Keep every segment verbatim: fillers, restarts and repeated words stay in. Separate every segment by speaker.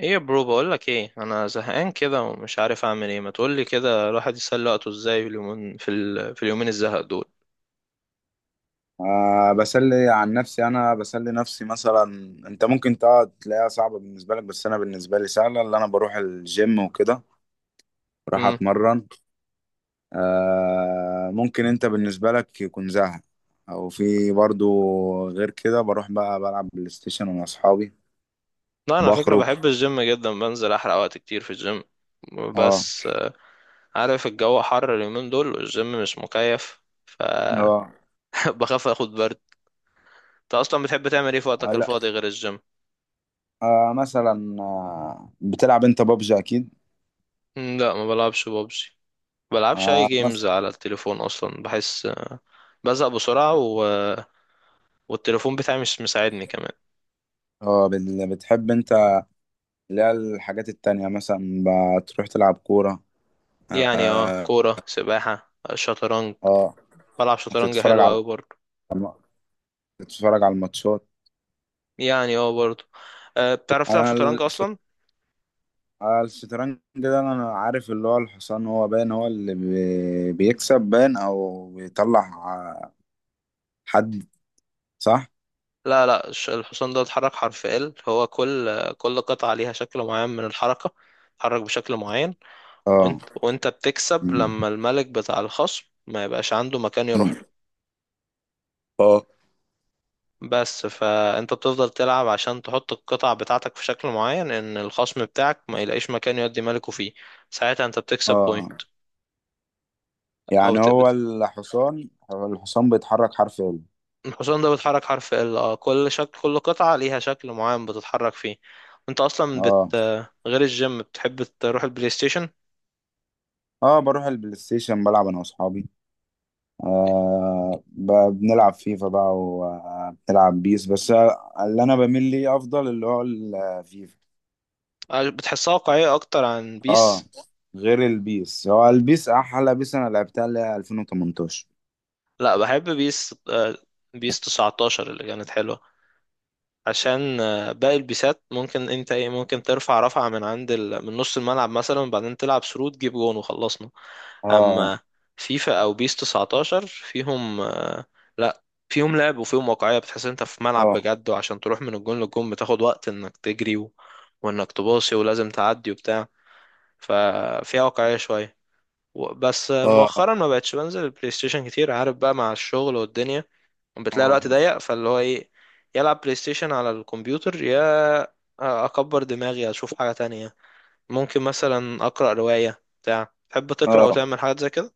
Speaker 1: ايه يا برو، بقول لك ايه، انا زهقان كده ومش عارف اعمل ايه. ما تقول لي كده الواحد يسلي وقته ازاي في اليومين في, ال... في اليومين الزهق دول.
Speaker 2: آه، بسلي عن نفسي. انا بسلي نفسي مثلا. انت ممكن تقعد تلاقيها صعبة بالنسبة لك، بس انا بالنسبة لي سهلة. اللي انا بروح الجيم وكده، بروح
Speaker 1: امم
Speaker 2: اتمرن. آه ممكن انت بالنسبة لك يكون زهق، او في برضو. غير كده بروح بقى بلعب بلاي ستيشن مع اصحابي.
Speaker 1: لا انا على فكره
Speaker 2: بخرج.
Speaker 1: بحب الجيم جدا، بنزل احرق وقت كتير في الجيم.
Speaker 2: اه.
Speaker 1: بس آه، عارف الجو حر اليومين دول والجيم مش مكيف فبخاف
Speaker 2: اه.
Speaker 1: اخد برد. انت اصلا بتحب تعمل ايه في
Speaker 2: آه،
Speaker 1: وقتك
Speaker 2: لا.
Speaker 1: الفاضي غير الجيم؟
Speaker 2: آه مثلا، آه بتلعب انت بابجي اكيد.
Speaker 1: مم، لا ما بلعبش ببجي، بلعبش اي
Speaker 2: آه
Speaker 1: جيمز
Speaker 2: مثلا.
Speaker 1: على التليفون. اصلا بحس آه، بزهق بسرعه و... والتليفون بتاعي مش مساعدني كمان.
Speaker 2: اه بال- بتحب انت اللي هي الحاجات التانية مثلا؟ بتروح تلعب كورة؟
Speaker 1: يعني اه،
Speaker 2: آه.
Speaker 1: كورة سباحة شطرنج.
Speaker 2: اه.
Speaker 1: بلعب شطرنج
Speaker 2: تتفرج
Speaker 1: حلو
Speaker 2: على
Speaker 1: أوي برضه.
Speaker 2: الم- تتفرج على الماتشات.
Speaker 1: يعني اه برضه. أه، بتعرف تلعب
Speaker 2: انا
Speaker 1: شطرنج
Speaker 2: الش-
Speaker 1: أصلا؟
Speaker 2: أنا الشطرنج ده انا عارف اللي هو الحصان، هو باين هو اللي بي- بيكسب، باين او بيطلع ع- حد، صح.
Speaker 1: لا لا الش- الحصان ده اتحرك حرف ال، هو كل كل قطعة ليها شكل معين من الحركة، اتحرك بشكل معين.
Speaker 2: اه.
Speaker 1: وانت وانت بتكسب
Speaker 2: أمم.
Speaker 1: لما الملك بتاع الخصم ما يبقاش عنده مكان يروح له.
Speaker 2: أمم. اه.
Speaker 1: بس فانت بتفضل تلعب عشان تحط القطع بتاعتك في شكل معين، ان الخصم بتاعك ما يلاقيش مكان يودي ملكه فيه. ساعتها انت بتكسب بوينت.
Speaker 2: اه
Speaker 1: او
Speaker 2: يعني هو الحصان، هو الحصان بيتحرك حرف ال.
Speaker 1: الحصان ده بيتحرك حرف ال، اه كل شكل، كل قطعة ليها شكل معين بتتحرك فيه. انت اصلا بت
Speaker 2: اه.
Speaker 1: غير الجيم بتحب تروح البلاي ستيشن.
Speaker 2: اه بروح البلاي ستيشن بلعب انا واصحابي. آه ب- بنلعب فيفا بقى وبنلعب بيس بس. اللي انا بميل ليه افضل اللي هو الفيفا.
Speaker 1: آه، بتحسها واقعية اكتر عن
Speaker 2: اه.
Speaker 1: بيس.
Speaker 2: غير البيس، هو البيس احلى بيس انا لعبتها اللي هي ألفين وثمنتاشر.
Speaker 1: لا بحب بيس، آه، بيس تسعة عشر اللي كانت حلوة. عشان آه، باقي البيسات ممكن انت ايه، ممكن ترفع رفعة من عند ال... من نص الملعب مثلا، وبعدين تلعب ثرو تجيب جون وخلصنا.
Speaker 2: اه.
Speaker 1: اما فيفا او بيس تسعة عشر فيهم آه، لا فيهم لعب وفيهم واقعية، بتحس إن انت في ملعب
Speaker 2: اه.
Speaker 1: بجد، وعشان تروح من الجون للجون بتاخد وقت انك تجري و... وانك تباصي ولازم تعدي وبتاع. ففيها واقعية شوية. و- بس آه،
Speaker 2: اه.
Speaker 1: مؤخرا ما بقتش بنزل البلاي ستيشن كتير، عارف بقى مع الشغل والدنيا، بتلاقي
Speaker 2: اه.
Speaker 1: الوقت ضيق، فاللي هو ايه يلعب بلاي ستيشن على الكمبيوتر، يا اكبر دماغي اشوف حاجة تانية. ممكن مثلا اقرأ رواية بتاع، تحب تقرأ او
Speaker 2: اه.
Speaker 1: تعمل حاجات زي كده؟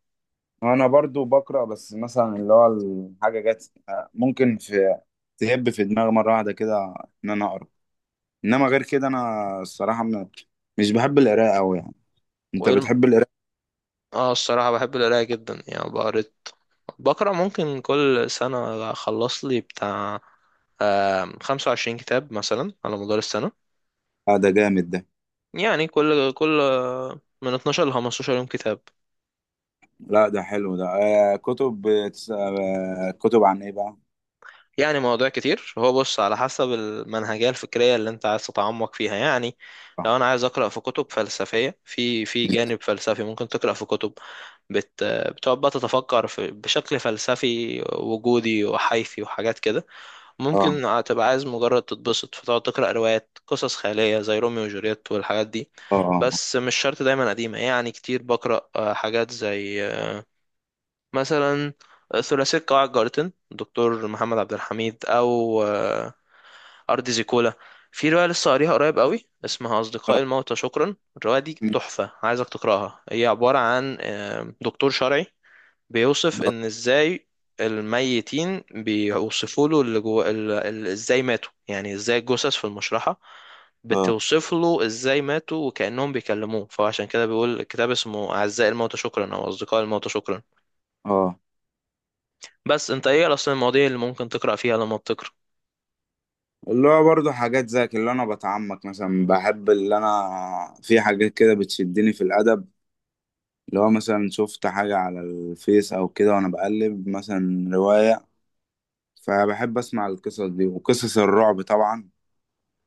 Speaker 2: انا برضو بقرا، بس مثلا اللي هو الحاجه جت، آه، ممكن في تهب في دماغي مره واحده كده ان انا اقرا. انما غير كده انا الصراحه م- مش بحب القراءه قوي يعني. انت
Speaker 1: وايه؟
Speaker 2: بتحب القراءه؟
Speaker 1: اه الصراحة بحب القراية جدا، يعني بقريت، بقرا ممكن كل سنة أخلص لي بتاع خمسة وعشرين كتاب مثلا على مدار السنة.
Speaker 2: آه، ده جامد ده.
Speaker 1: يعني كل كل من اتناشر ل خمستاشر يوم كتاب.
Speaker 2: لا ده حلو ده. آه كتب بتس- آه كتب عن ايه بقى؟
Speaker 1: يعني مواضيع كتير، هو بص على حسب المنهجية الفكرية اللي أنت عايز تتعمق فيها. يعني
Speaker 2: اه.
Speaker 1: لو أنا عايز أقرأ في كتب فلسفية، في في جانب فلسفي ممكن تقرأ في كتب بت بتقعد بقى تتفكر في بشكل فلسفي وجودي وحيثي وحاجات كده.
Speaker 2: اه.
Speaker 1: ممكن تبقى عايز مجرد تتبسط فتقعد تقرأ روايات، قصص خيالية زي روميو وجولييت والحاجات دي.
Speaker 2: اه.
Speaker 1: بس مش شرط دايما قديمة، يعني كتير بقرأ آه، حاجات زي آه، مثلا آه، ثلاثية قواعد جارتن دكتور محمد عبد الحميد، أو آه، أرض زيكولا. في رواية لسه قاريها قريب قوي اسمها أصدقاء
Speaker 2: اه.
Speaker 1: الموتى شكرا، الرواية دي تحفة، عايزك تقرأها. هي عبارة عن آه، دكتور شرعي بيوصف ان ازاي الميتين بيوصفوا له اللي جوه ال- ال- ازاي ماتوا، يعني ازاي الجثث في المشرحة
Speaker 2: اه.
Speaker 1: بتوصف له ازاي ماتوا، وكأنهم بيكلموه. فعشان كده بيقول الكتاب اسمه أعزائي الموتى شكرا او أصدقاء الموتى شكرا.
Speaker 2: آه.
Speaker 1: بس انت ايه اصلا المواضيع اللي ممكن تقرأ فيها لما بتقرأ؟
Speaker 2: اللي هو برضه حاجات زي اللي انا بتعمق مثلا. بحب اللي انا في حاجات كده بتشدني في الادب. اللي هو مثلا شفت حاجة على الفيس او كده، وانا بقلب مثلا رواية، فبحب اسمع القصص دي. وقصص الرعب طبعا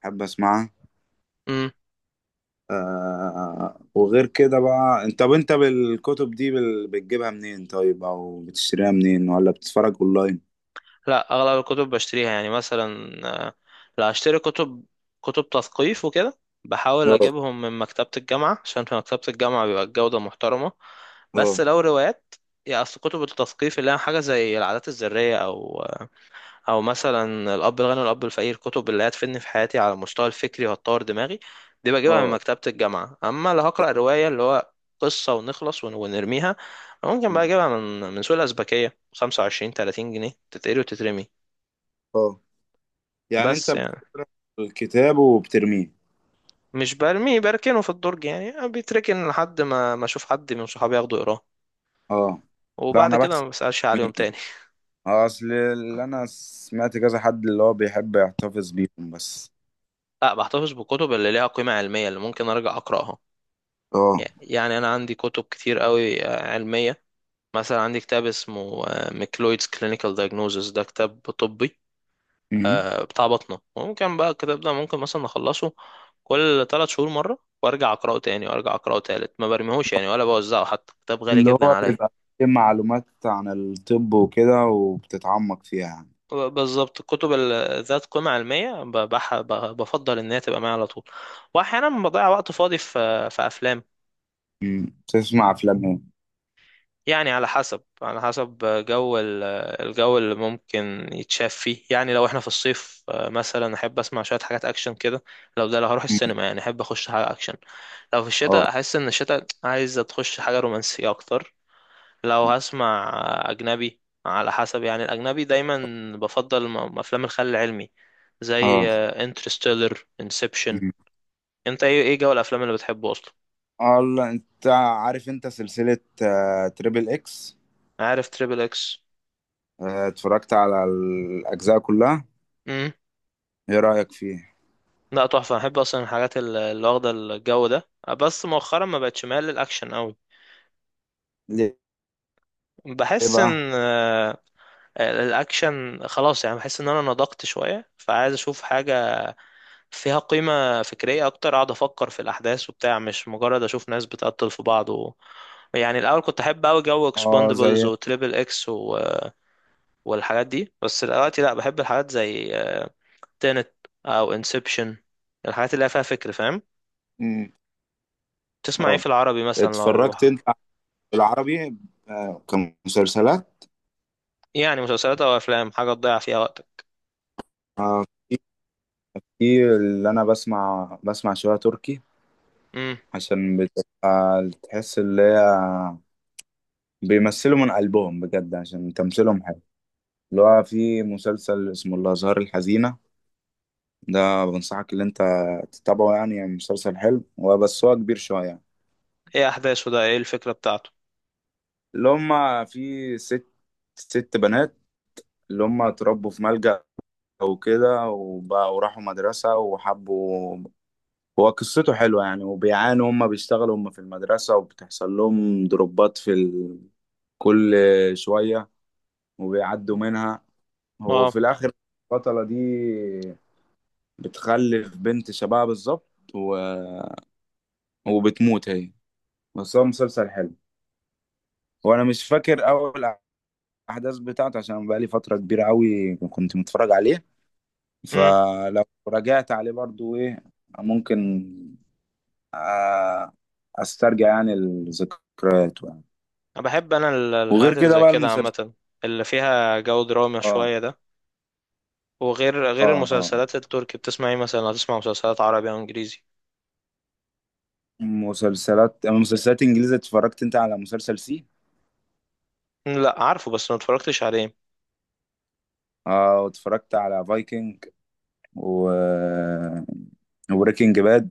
Speaker 2: بحب اسمعها.
Speaker 1: امم
Speaker 2: آه وغير كده بقى، انت طب انت بالكتب دي بال- بتجيبها منين طيب، او بتشتريها منين ولا بتتفرج اونلاين؟
Speaker 1: لا اغلب الكتب بشتريها، يعني مثلا آه، لا اشتري كتب، كتب تثقيف وكده بحاول
Speaker 2: اه.
Speaker 1: اجيبهم من مكتبة الجامعة، عشان في مكتبة الجامعة بيبقى الجودة محترمة. بس
Speaker 2: اه.
Speaker 1: لو روايات، يا اصل كتب التثقيف اللي هي حاجه زي العادات الذريه، او او مثلا الاب الغني والاب الفقير، كتب اللي هتفيدني في حياتي على المستوى الفكري وهتطور دماغي، دي بجيبها من
Speaker 2: اه.
Speaker 1: مكتبه الجامعه. اما لو هقرا روايه اللي هو قصه ونخلص ون- ونرميها، ممكن بقى اجيبها من من سوق الازبكيه خمسة وعشرين تلاتين جنيه، تتقري وتترمي.
Speaker 2: اه. يعني انت
Speaker 1: بس يعني
Speaker 2: بتقرا الكتاب وبترميه؟
Speaker 1: مش برميه، بركنه في الدرج، يعني بيتركن لحد ما ما اشوف حد من صحابي ياخده يقراه،
Speaker 2: اه. لا
Speaker 1: وبعد
Speaker 2: انا
Speaker 1: كده
Speaker 2: بحسب.
Speaker 1: ما بسالش عليهم
Speaker 2: مين
Speaker 1: تاني.
Speaker 2: اصل اللي انا سمعت كذا حد اللي هو بيحب يحتفظ بيهم بس.
Speaker 1: لا بحتفظ بالكتب اللي ليها قيمة علمية، اللي ممكن أرجع أقرأها.
Speaker 2: اه.
Speaker 1: يعني أنا عندي كتب كتير قوي آه، علمية. مثلا عندي كتاب اسمه آه، ميكلويدز كلينيكال دايجنوزيس، ده كتاب طبي،
Speaker 2: مم.
Speaker 1: آه، بتاع بطنة. وممكن بقى الكتاب ده ممكن مثلا أخلصه كل ثلاث شهور مرة، وأرجع أقرأه تاني وأرجع أقرأه تالت. ما برميهوش يعني ولا بوزعه، حتى كتاب غالي
Speaker 2: اللي
Speaker 1: جدا
Speaker 2: هو
Speaker 1: عليا.
Speaker 2: بيبقى فيه معلومات عن الطب وكده وبتتعمق فيها يعني.
Speaker 1: ب- بالظبط الكتب ال- ذات قيمة علمية ب- بح- ب- بفضل إن هي تبقى معايا على طول. وأحيانا بضيع وقت فاضي في آه، في أفلام.
Speaker 2: مم. تسمع افلام ايه؟
Speaker 1: يعني على حسب، على حسب جو ال- الجو اللي ممكن يتشاف فيه. يعني لو احنا في الصيف آه، مثلا احب اسمع شويه حاجات اكشن كده. لو ده لو هروح
Speaker 2: مم.
Speaker 1: السينما يعني احب اخش حاجه اكشن. لو في
Speaker 2: اه.
Speaker 1: الشتاء احس ان الشتاء عايز تخش حاجه رومانسيه اكتر. لو هسمع آه، اجنبي، على حسب يعني. الاجنبي دايما بفضل م- افلام الخيال العلمي زي
Speaker 2: اه.
Speaker 1: انترستيلر انسبشن. انت ايه، ايه جو الافلام اللي بتحبه اصلا؟
Speaker 2: الله انت عارف انت سلسلة، آه، تريبل اكس؟
Speaker 1: عارف تريبل اكس؟
Speaker 2: آه، اتفرجت على الاجزاء كلها. ايه رأيك فيه؟
Speaker 1: لا تحفة، أنا بحب أصلا الحاجات ال- اللي واخدة الجو ده. بس مؤخرا ما بقتش مايل للأكشن أوي.
Speaker 2: ليه؟ ليه
Speaker 1: بحس
Speaker 2: بقى؟
Speaker 1: إن آه، الأكشن خلاص يعني، بحس إن أنا نضجت شوية، فعايز أشوف حاجة فيها قيمة فكرية أكتر، أقعد أفكر في الأحداث وبتاع، مش مجرد أشوف ناس بتقتل في بعض و... يعني الأول كنت أحب أوي جو
Speaker 2: اه
Speaker 1: إكسباندبلز
Speaker 2: زي.
Speaker 1: وتريبل إكس و... والحاجات دي، بس دلوقتي لأ بحب الحاجات زي تينت أو انسبشن، الحاجات اللي هي فيها فكر، فاهم؟
Speaker 2: مم.
Speaker 1: تسمع ايه
Speaker 2: اه
Speaker 1: في العربي مثلا، لو
Speaker 2: اتفرجت انت بالعربي؟ آه، كمسلسلات؟
Speaker 1: يعني مسلسلات او افلام حاجه تضيع فيها وقتك؟
Speaker 2: آه، في. في اللي انا بسمع، بسمع شوية تركي.
Speaker 1: امم
Speaker 2: عشان بتبقى تحس اللي هي بيمثلوا من قلبهم بجد، عشان تمثيلهم حلو. اللي هو في مسلسل اسمه الازهار الحزينة، ده بنصحك اللي انت تتابعه يعني. يعني مسلسل حلو هو، بس هو كبير شوية.
Speaker 1: ايه احداثه ده، ايه الفكره بتاعته؟
Speaker 2: اللي هما في ست، ست بنات اللي هما اتربوا في ملجأ وكده، وبقوا راحوا مدرسة وحبوا. هو قصته حلوة يعني. وبيعانوا هما، بيشتغلوا هما في المدرسة، وبتحصل لهم دروبات في ال... كل شوية، وبيعدوا منها.
Speaker 1: اه.
Speaker 2: وفي الآخر، البطلة دي بتخلف بنت شبهها بالظبط، و... وبتموت هي. بس هو مسلسل حلو. وانا مش فاكر اول الاحداث بتاعته، عشان بقى لي فتره كبيره قوي كنت متفرج عليه.
Speaker 1: امم
Speaker 2: فلو رجعت عليه برضو ايه، ممكن، آه، استرجع يعني الذكريات يعني.
Speaker 1: انا بحب انا ال-
Speaker 2: وغير
Speaker 1: الحاجات اللي
Speaker 2: كده
Speaker 1: زي
Speaker 2: بقى
Speaker 1: كده
Speaker 2: المسلسل.
Speaker 1: عامه، اللي فيها جو دراما
Speaker 2: اه.
Speaker 1: شويه ده. وغير غير
Speaker 2: اه. اه
Speaker 1: المسلسلات التركي بتسمع ايه مثلا، هتسمع مسلسلات عربي او انجليزي؟
Speaker 2: مسلسلات مسلسلات انجليزي، اتفرجت انت على مسلسل سي؟
Speaker 1: مم، لا عارفه بس ما اتفرجتش عليه.
Speaker 2: اه. واتفرجت على فايكنج و، وبريكنج باد.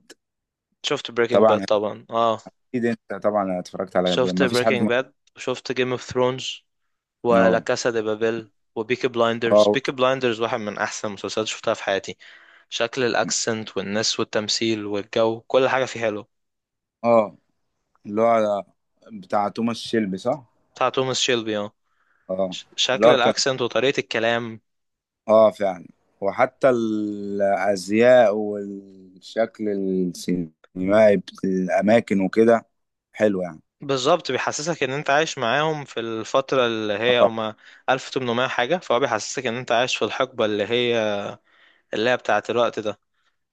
Speaker 1: شفت بريكنج باد
Speaker 2: طبعا.
Speaker 1: طبعا اه.
Speaker 2: اكيد انت طبعا اتفرجت، على
Speaker 1: شفت
Speaker 2: ما فيش حد
Speaker 1: بريكنج
Speaker 2: ما.
Speaker 1: باد وشفت جيم اوف ثرونز ولا
Speaker 2: اه.
Speaker 1: كاسا دي بابيل وبيكي بلايندرز.
Speaker 2: اه.
Speaker 1: بيكي بلايندرز واحد من احسن المسلسلات شفتها في حياتي. شكل الاكسنت والناس والتمثيل والجو، كل حاجه فيه حلو.
Speaker 2: آه. اللي هو بتاع توماس شيلبي صح؟
Speaker 1: بتاع توماس شيلبي اه.
Speaker 2: اه.
Speaker 1: ش-
Speaker 2: اللي
Speaker 1: شكل
Speaker 2: هو كان،
Speaker 1: الاكسنت وطريقه الكلام.
Speaker 2: اه فعلا. وحتى الازياء والشكل السينمائي بت- الاماكن وكده، حلو يعني.
Speaker 1: بالظبط بيحسسك ان انت عايش معاهم في الفتره اللي هي
Speaker 2: اه.
Speaker 1: هما ألف وثمانمائة حاجه، فهو بيحسسك ان انت عايش في الحقبه اللي هي، اللي هي بتاعه الوقت ده.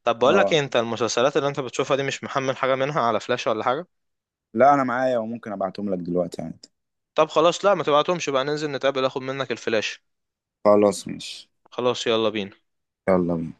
Speaker 1: طب بقول لك
Speaker 2: اه.
Speaker 1: إيه، انت المسلسلات اللي انت بتشوفها دي مش محمل حاجه منها على فلاش ولا حاجه؟
Speaker 2: لا انا معايا، وممكن ابعتهم لك دلوقتي عادي.
Speaker 1: طب خلاص، لا ما تبعتهمش بقى، ننزل نتقابل اخد منك الفلاش.
Speaker 2: خلاص ماشي.
Speaker 1: خلاص يلا بينا.
Speaker 2: يلا بينا.